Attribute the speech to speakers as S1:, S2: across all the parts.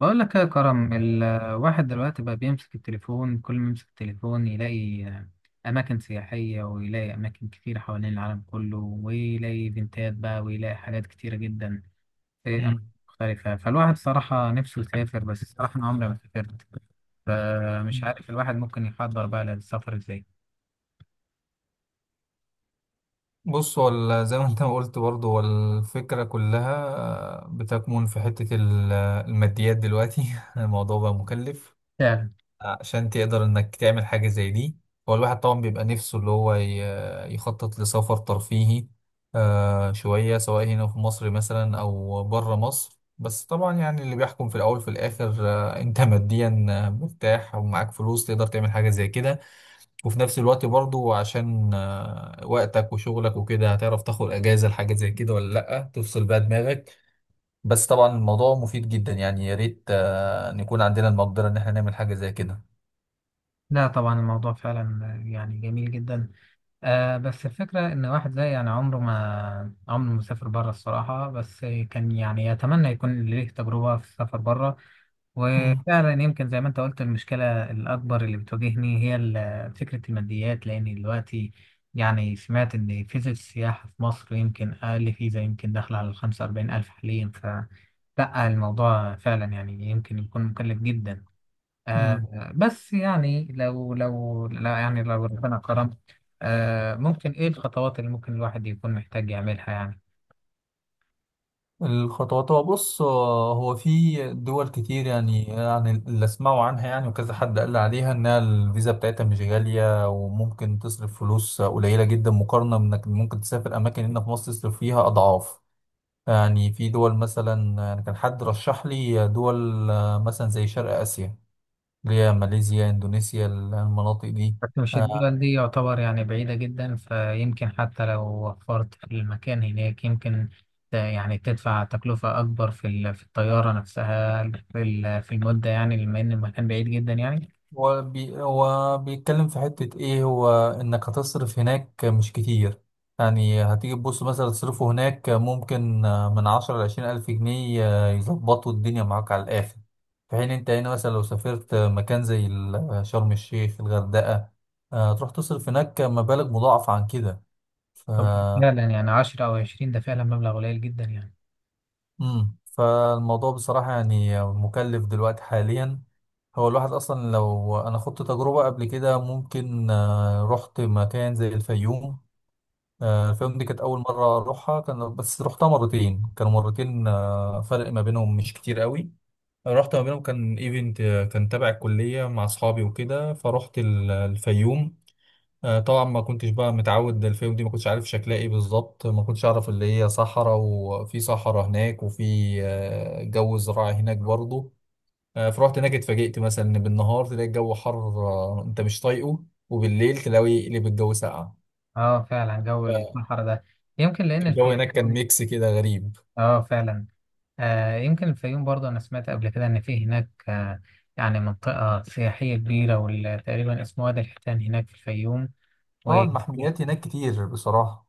S1: بقول لك يا كرم، الواحد دلوقتي بقى بيمسك التليفون. كل ما يمسك التليفون يلاقي أماكن سياحية، ويلاقي أماكن كتير حوالين العالم كله، ويلاقي إيفنتات بقى، ويلاقي حاجات كتيرة جدا في أماكن
S2: مم.
S1: مختلفة. فالواحد صراحة نفسه يسافر، بس الصراحة أنا عمري ما سافرت، فمش
S2: مم.
S1: عارف الواحد ممكن يحضر بقى للسفر إزاي.
S2: بص هو زي ما انت ما قلت برضه هو الفكرة كلها بتكمن في حتة الماديات دلوقتي الموضوع بقى مكلف
S1: فعلا.
S2: عشان تقدر انك تعمل حاجة زي دي. هو الواحد طبعا بيبقى نفسه اللي هو يخطط لسفر ترفيهي، شوية سواء هنا في مصر مثلا او بره مصر. بس طبعا يعني اللي بيحكم في الاول في الاخر انت ماديا مرتاح ومعاك فلوس تقدر تعمل حاجة زي كده، وفي نفس الوقت برضو عشان وقتك وشغلك وكده هتعرف تاخد اجازة لحاجة زي كده ولا لأ، تفصل بقى دماغك. بس طبعا الموضوع مفيد جدا، يعني يا ريت نكون عندنا المقدرة ان احنا نعمل حاجة زي كده.
S1: لا طبعا الموضوع فعلا يعني جميل جدا. آه بس الفكرة إن واحد زي يعني عمره ما سافر بره الصراحة، بس كان يعني يتمنى يكون ليه تجربة في السفر بره.
S2: مم.
S1: وفعلا يمكن زي ما أنت قلت، المشكلة الأكبر اللي بتواجهني هي فكرة الماديات، لأن دلوقتي يعني سمعت إن فيزا السياحة في مصر يمكن أقل فيزا، يمكن داخلة على 45,000 حاليا. ف لأ، الموضوع فعلا يعني يمكن يكون مكلف جدا.
S2: مم.
S1: آه بس يعني لو لا يعني لو ربنا كرم، آه ممكن ايه الخطوات اللي ممكن الواحد يكون محتاج يعملها يعني؟
S2: الخطوات، هو بص، هو في دول كتير يعني يعني اللي اسمعوا عنها يعني، وكذا حد قال لي عليها انها الفيزا بتاعتها مش غالية وممكن تصرف فلوس قليلة جدا مقارنة بانك ممكن تسافر اماكن هنا في مصر تصرف فيها اضعاف. يعني في دول مثلا، يعني كان حد رشح لي دول مثلا زي شرق آسيا، اللي هي ماليزيا، إندونيسيا، المناطق دي.
S1: بس مش
S2: آه،
S1: الدول دي يعتبر يعني بعيدة جدا، فيمكن حتى لو وفرت في المكان هناك، يمكن يعني تدفع تكلفة أكبر في في الطيارة نفسها، في في المدة، يعني لما إن المكان بعيد جدا يعني.
S2: هو بيتكلم في حتة إيه، هو إنك هتصرف هناك مش كتير. يعني هتيجي تبص مثلا تصرفه هناك ممكن من 10 لـ20 ألف جنيه، يظبطوا الدنيا معاك على الآخر. في حين أنت هنا مثلا لو سافرت مكان زي شرم الشيخ، الغردقة، تروح تصرف هناك مبالغ مضاعفة عن كده.
S1: طب فعلا يعني 10 أو 20 ده فعلا مبلغ قليل جدا يعني.
S2: فالموضوع بصراحة يعني مكلف دلوقتي حاليا. هو الواحد أصلا لو أنا خدت تجربة قبل كده، ممكن رحت مكان زي الفيوم. الفيوم دي كانت أول مرة أروحها، كان بس رحتها مرتين، كانوا مرتين فرق ما بينهم مش كتير قوي. رحت ما بينهم كان ايفنت، كان تبع الكلية مع أصحابي وكده، فرحت الفيوم. طبعا ما كنتش بقى متعود، الفيوم دي ما كنتش عارف شكلها ايه بالظبط، ما كنتش اعرف اللي هي صحراء وفي صحراء هناك وفي جو زراعي هناك برضه. فرحت هناك، اتفاجئت مثلا ان بالنهار تلاقي الجو حر، انت مش طايقه، وبالليل تلاقي اللي بالجو ساقع.
S1: اه فعلا جو الصحراء ده، يمكن لأن
S2: الجو هناك كان ميكس كده غريب.
S1: اه فعلا. آه يمكن الفيوم برضه أنا سمعت قبل كده إن في هناك آه يعني منطقة سياحية كبيرة، واللي تقريبا اسمه وادي الحيتان هناك في الفيوم و
S2: اه، المحميات هناك كتير بصراحة.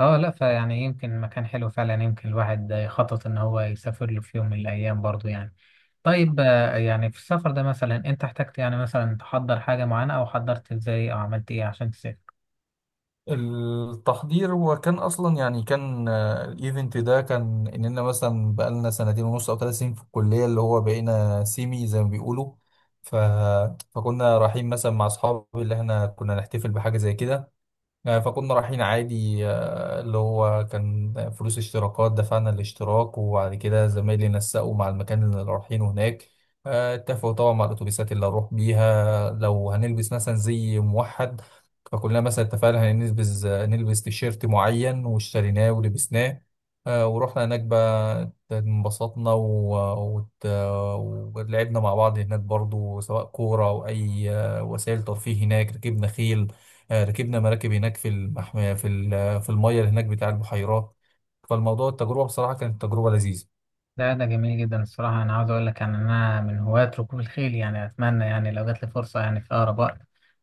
S1: اه لا. فيعني يمكن مكان حلو فعلا، يمكن الواحد يخطط إن هو يسافر له في يوم من الأيام برضه يعني. طيب آه يعني في السفر ده مثلا أنت احتجت يعني مثلا تحضر حاجة معينة، أو حضرت إزاي، أو عملت إيه عشان تسافر؟
S2: التحضير، هو كان اصلا يعني كان الايفنت ده كان اننا مثلا بقالنا سنتين ونص او 3 سنين في الكليه، اللي هو بقينا سيمي زي ما بيقولوا. ف... فكنا رايحين مثلا مع اصحابي اللي احنا كنا نحتفل بحاجه زي كده. فكنا رايحين عادي، اللي هو كان فلوس اشتراكات، دفعنا الاشتراك وبعد كده زمايلي نسقوا مع المكان اللي رايحينه هناك. اتفقوا طبعا مع الاتوبيسات اللي هنروح بيها، لو هنلبس مثلا زي موحد، فكلنا مثلا اتفقنا هنلبس آه، نلبس تيشيرت معين واشتريناه ولبسناه. ورحنا هناك بقى، انبسطنا ولعبنا مع بعض هناك برضو، سواء كورة أو أي وسائل ترفيه هناك، ركبنا خيل، ركبنا مراكب هناك في المحمية في في المية اللي هناك بتاع البحيرات. فالموضوع، التجربة بصراحة كانت تجربة لذيذة.
S1: ده جميل جدا الصراحة. أنا عاوز أقول لك يعني أنا من هواة ركوب الخيل، يعني أتمنى يعني لو جات لي فرصة يعني في أقرب وقت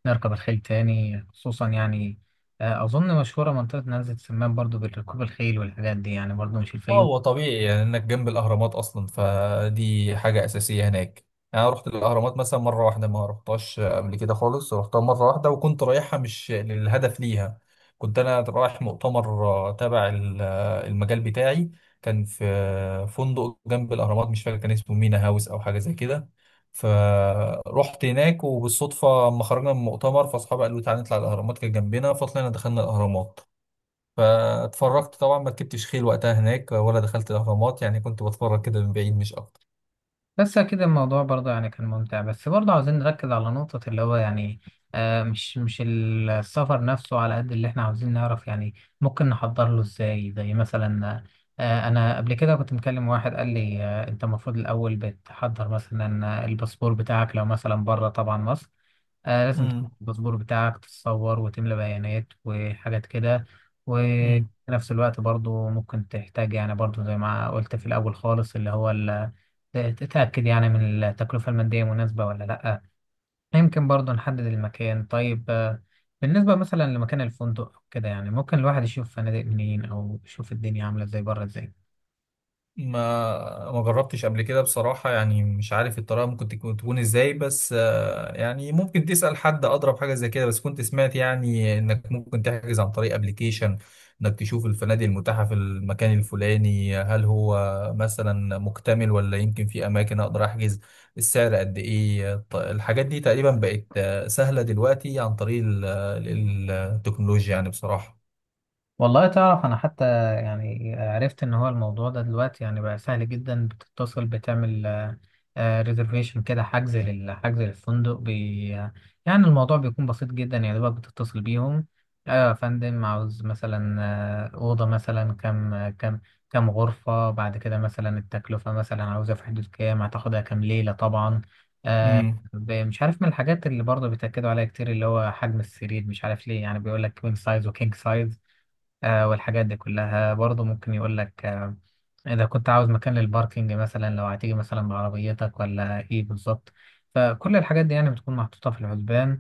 S1: نركب الخيل تاني. خصوصا يعني أظن مشهورة منطقة نزلة سمان برضو بركوب الخيل والحاجات دي، يعني برضو مش
S2: اه،
S1: الفيوم.
S2: هو طبيعي يعني انك جنب الاهرامات اصلا، فدي حاجه اساسيه هناك. يعني انا رحت الاهرامات مثلا مره واحده، ما رحتهاش قبل كده خالص، رحتها مره واحده وكنت رايحها مش للهدف ليها، كنت انا رايح مؤتمر تبع المجال بتاعي. كان في فندق جنب الاهرامات، مش فاكر كان اسمه مينا هاوس او حاجه زي كده. فرحت هناك وبالصدفه اما خرجنا من المؤتمر، فاصحابي قالوا تعالى نطلع الاهرامات، كانت جنبنا، فطلعنا دخلنا الاهرامات. فاتفرجت طبعا، ما ركبتش خيل وقتها هناك ولا دخلت الاهرامات، يعني كنت بتفرج كده من بعيد مش اكتر.
S1: بس أكيد الموضوع برضه يعني كان ممتع، بس برضه عاوزين نركز على نقطة اللي هو يعني آه مش السفر نفسه على قد اللي احنا عاوزين نعرف يعني ممكن نحضر له ازاي. زي مثلا آه أنا قبل كده كنت مكلم واحد قال لي آه أنت المفروض الأول بتحضر مثلا الباسبور بتاعك لو مثلا بره طبعا مصر. آه لازم تملك الباسبور بتاعك، تتصور، وتملى بيانات وحاجات كده. وفي
S2: امم
S1: نفس الوقت برضو ممكن تحتاج يعني برضو زي ما قلت في الأول خالص، اللي هو تتأكد يعني من التكلفة المادية مناسبة ولا لأ. يمكن برضو نحدد المكان. طيب بالنسبة مثلا لمكان الفندق أو كده يعني ممكن الواحد يشوف فنادق منين، أو يشوف الدنيا عاملة ازاي بره ازاي؟
S2: ما جربتش قبل كده بصراحة، يعني مش عارف الطريقة ممكن تكون ازاي، بس يعني ممكن تسأل حد، أضرب حاجة زي كده، بس كنت سمعت يعني إنك ممكن تحجز عن طريق ابلكيشن، إنك تشوف الفنادق المتاحة في المكان الفلاني، هل هو مثلا مكتمل ولا يمكن في أماكن أقدر أحجز، السعر قد إيه. الحاجات دي تقريبا بقت سهلة دلوقتي عن طريق التكنولوجيا يعني بصراحة.
S1: والله تعرف انا حتى يعني عرفت ان هو الموضوع ده دلوقتي يعني بقى سهل جدا. بتتصل، بتعمل ريزرفيشن كده، حجز حجز للفندق يعني الموضوع بيكون بسيط جدا، يعني دوبك بتتصل بيهم: ايوه يا فندم، عاوز مثلا اوضه مثلا. كم كم غرفه، بعد كده مثلا التكلفه مثلا عاوزها في حدود كام، هتاخدها كام ليله طبعا. آه،
S2: مم.
S1: مش عارف من الحاجات اللي برضه بيتأكدوا عليها كتير اللي هو حجم السرير، مش عارف ليه، يعني بيقول لك كوين سايز وكينج سايز. آه والحاجات دي كلها برضه ممكن يقول لك آه إذا كنت عاوز مكان للباركينج مثلا، لو هتيجي مثلا بعربيتك ولا إيه بالظبط. فكل الحاجات دي يعني بتكون محطوطة في الحسبان.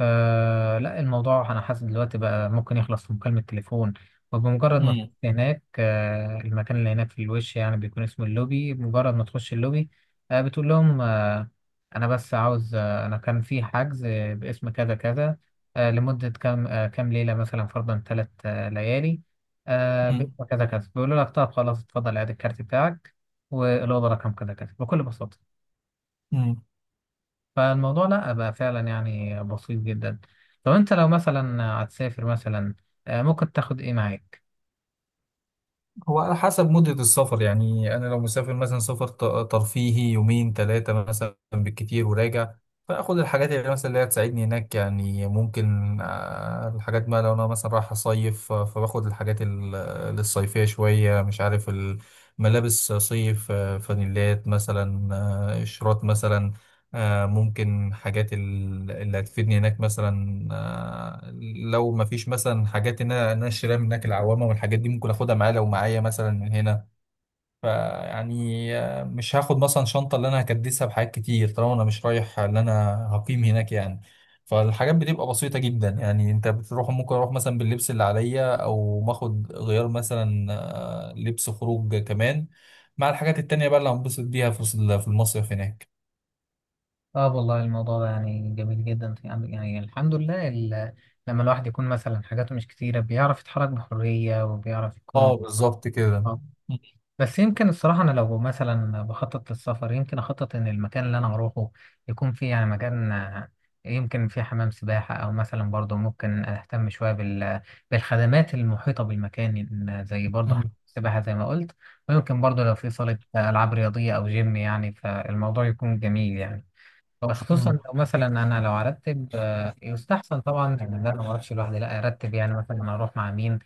S1: آه لا الموضوع أنا حاسس دلوقتي بقى ممكن يخلص في مكالمة تليفون. وبمجرد ما تخش
S2: مم.
S1: هناك، آه المكان اللي هناك في الوش يعني بيكون اسمه اللوبي، بمجرد ما تخش اللوبي آه بتقول لهم: آه أنا بس عاوز آه أنا كان في حجز باسم كذا كذا، لمدة كام، كام ليلة، مثلا فرضا ثلاث ليالي، وكذا كذا. بيقولوا لك: طب خلاص، اتفضل عاد الكارت بتاعك، والأوضة رقم كذا كذا، بكل بساطة.
S2: مم.
S1: فالموضوع لا بقى فعلا يعني بسيط جدا. طب أنت لو مثلا هتسافر مثلا، ممكن تاخد إيه معاك؟
S2: هو على حسب مدة السفر، يعني أنا لو مسافر مثلا سفر ترفيهي يومين ثلاثة مثلا بالكتير وراجع، فآخد الحاجات اللي مثلا اللي هتساعدني هناك، يعني ممكن الحاجات، ما لو أنا مثلا رايح أصيف، فباخد الحاجات الصيفية شوية، مش عارف، الملابس صيف، فانيلات مثلا، قشرات مثلا، ممكن حاجات اللي هتفيدني هناك مثلا، لو ما فيش مثلا حاجات ان انا إن أنا اشتريها من هناك، العوامه والحاجات دي ممكن اخدها معايا لو معايا مثلا من هنا. فيعني مش هاخد مثلا شنطه اللي انا هكدسها بحاجات كتير طالما انا مش رايح، اللي انا هقيم هناك يعني. فالحاجات بتبقى بسيطه جدا، يعني انت بتروح ممكن اروح مثلا باللبس اللي عليا او باخد غيار مثلا لبس خروج كمان مع الحاجات التانية بقى اللي هنبسط بيها في المصيف هناك.
S1: اه والله الموضوع ده يعني جميل جدا يعني. يعني الحمد لله، لما الواحد يكون مثلا حاجاته مش كتيرة، بيعرف يتحرك بحرية، وبيعرف يكون.
S2: اه بالظبط كده.
S1: بس يمكن الصراحة أنا لو مثلا بخطط للسفر، يمكن أخطط إن المكان اللي أنا هروحه يكون فيه يعني مكان يمكن فيه حمام سباحة، أو مثلا برضه ممكن أهتم شوية بالخدمات المحيطة بالمكان، إن زي برضه حمام
S2: مم.
S1: سباحة زي ما قلت. ويمكن برضه لو في صالة ألعاب رياضية أو جيم يعني، فالموضوع يكون جميل يعني. خصوصا
S2: مم.
S1: لو مثلا انا لو ارتب، يستحسن طبعا ان انا ما اروحش لوحدي، لا ارتب يعني مثلا انا اروح مع مين،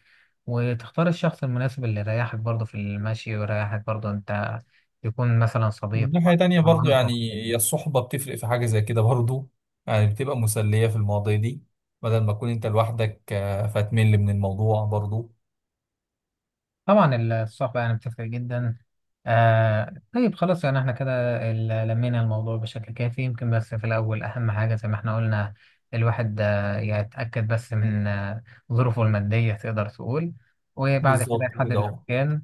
S1: وتختار الشخص المناسب اللي يريحك برضه في المشي، ويريحك برضه انت، يكون مثلا صديق.
S2: من ناحية تانية برضو، يعني هي الصحبة بتفرق في حاجة زي كده برضو، يعني بتبقى مسلية في المواضيع دي، بدل ما تكون انت لوحدك فتمل من الموضوع برضو.
S1: طبعا. الصحبة يعني بتفرق جدا. آه طيب خلاص، يعني احنا كده لمينا الموضوع بشكل كافي. يمكن بس في الأول أهم حاجة زي ما احنا قلنا، الواحد يتأكد بس من ظروفه المادية، تقدر تقول. وبعد كده
S2: بالظبط
S1: يحدد
S2: كده اهو.
S1: المكان.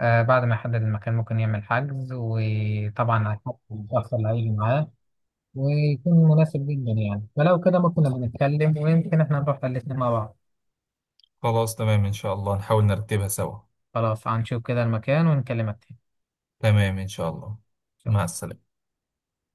S1: بعد ما يحدد المكان ممكن يعمل حجز، وطبعا على حسب الشخص اللي هيجي معاه، ويكون مناسب جدا يعني. فلو كده ممكن نبقى نتكلم، ويمكن احنا نروح الاتنين مع بعض.
S2: خلاص تمام، ان شاء الله نحاول نرتبها سوا.
S1: خلاص، هنشوف كده المكان ونكلمك
S2: تمام ان شاء الله. مع
S1: تاني.
S2: السلامة.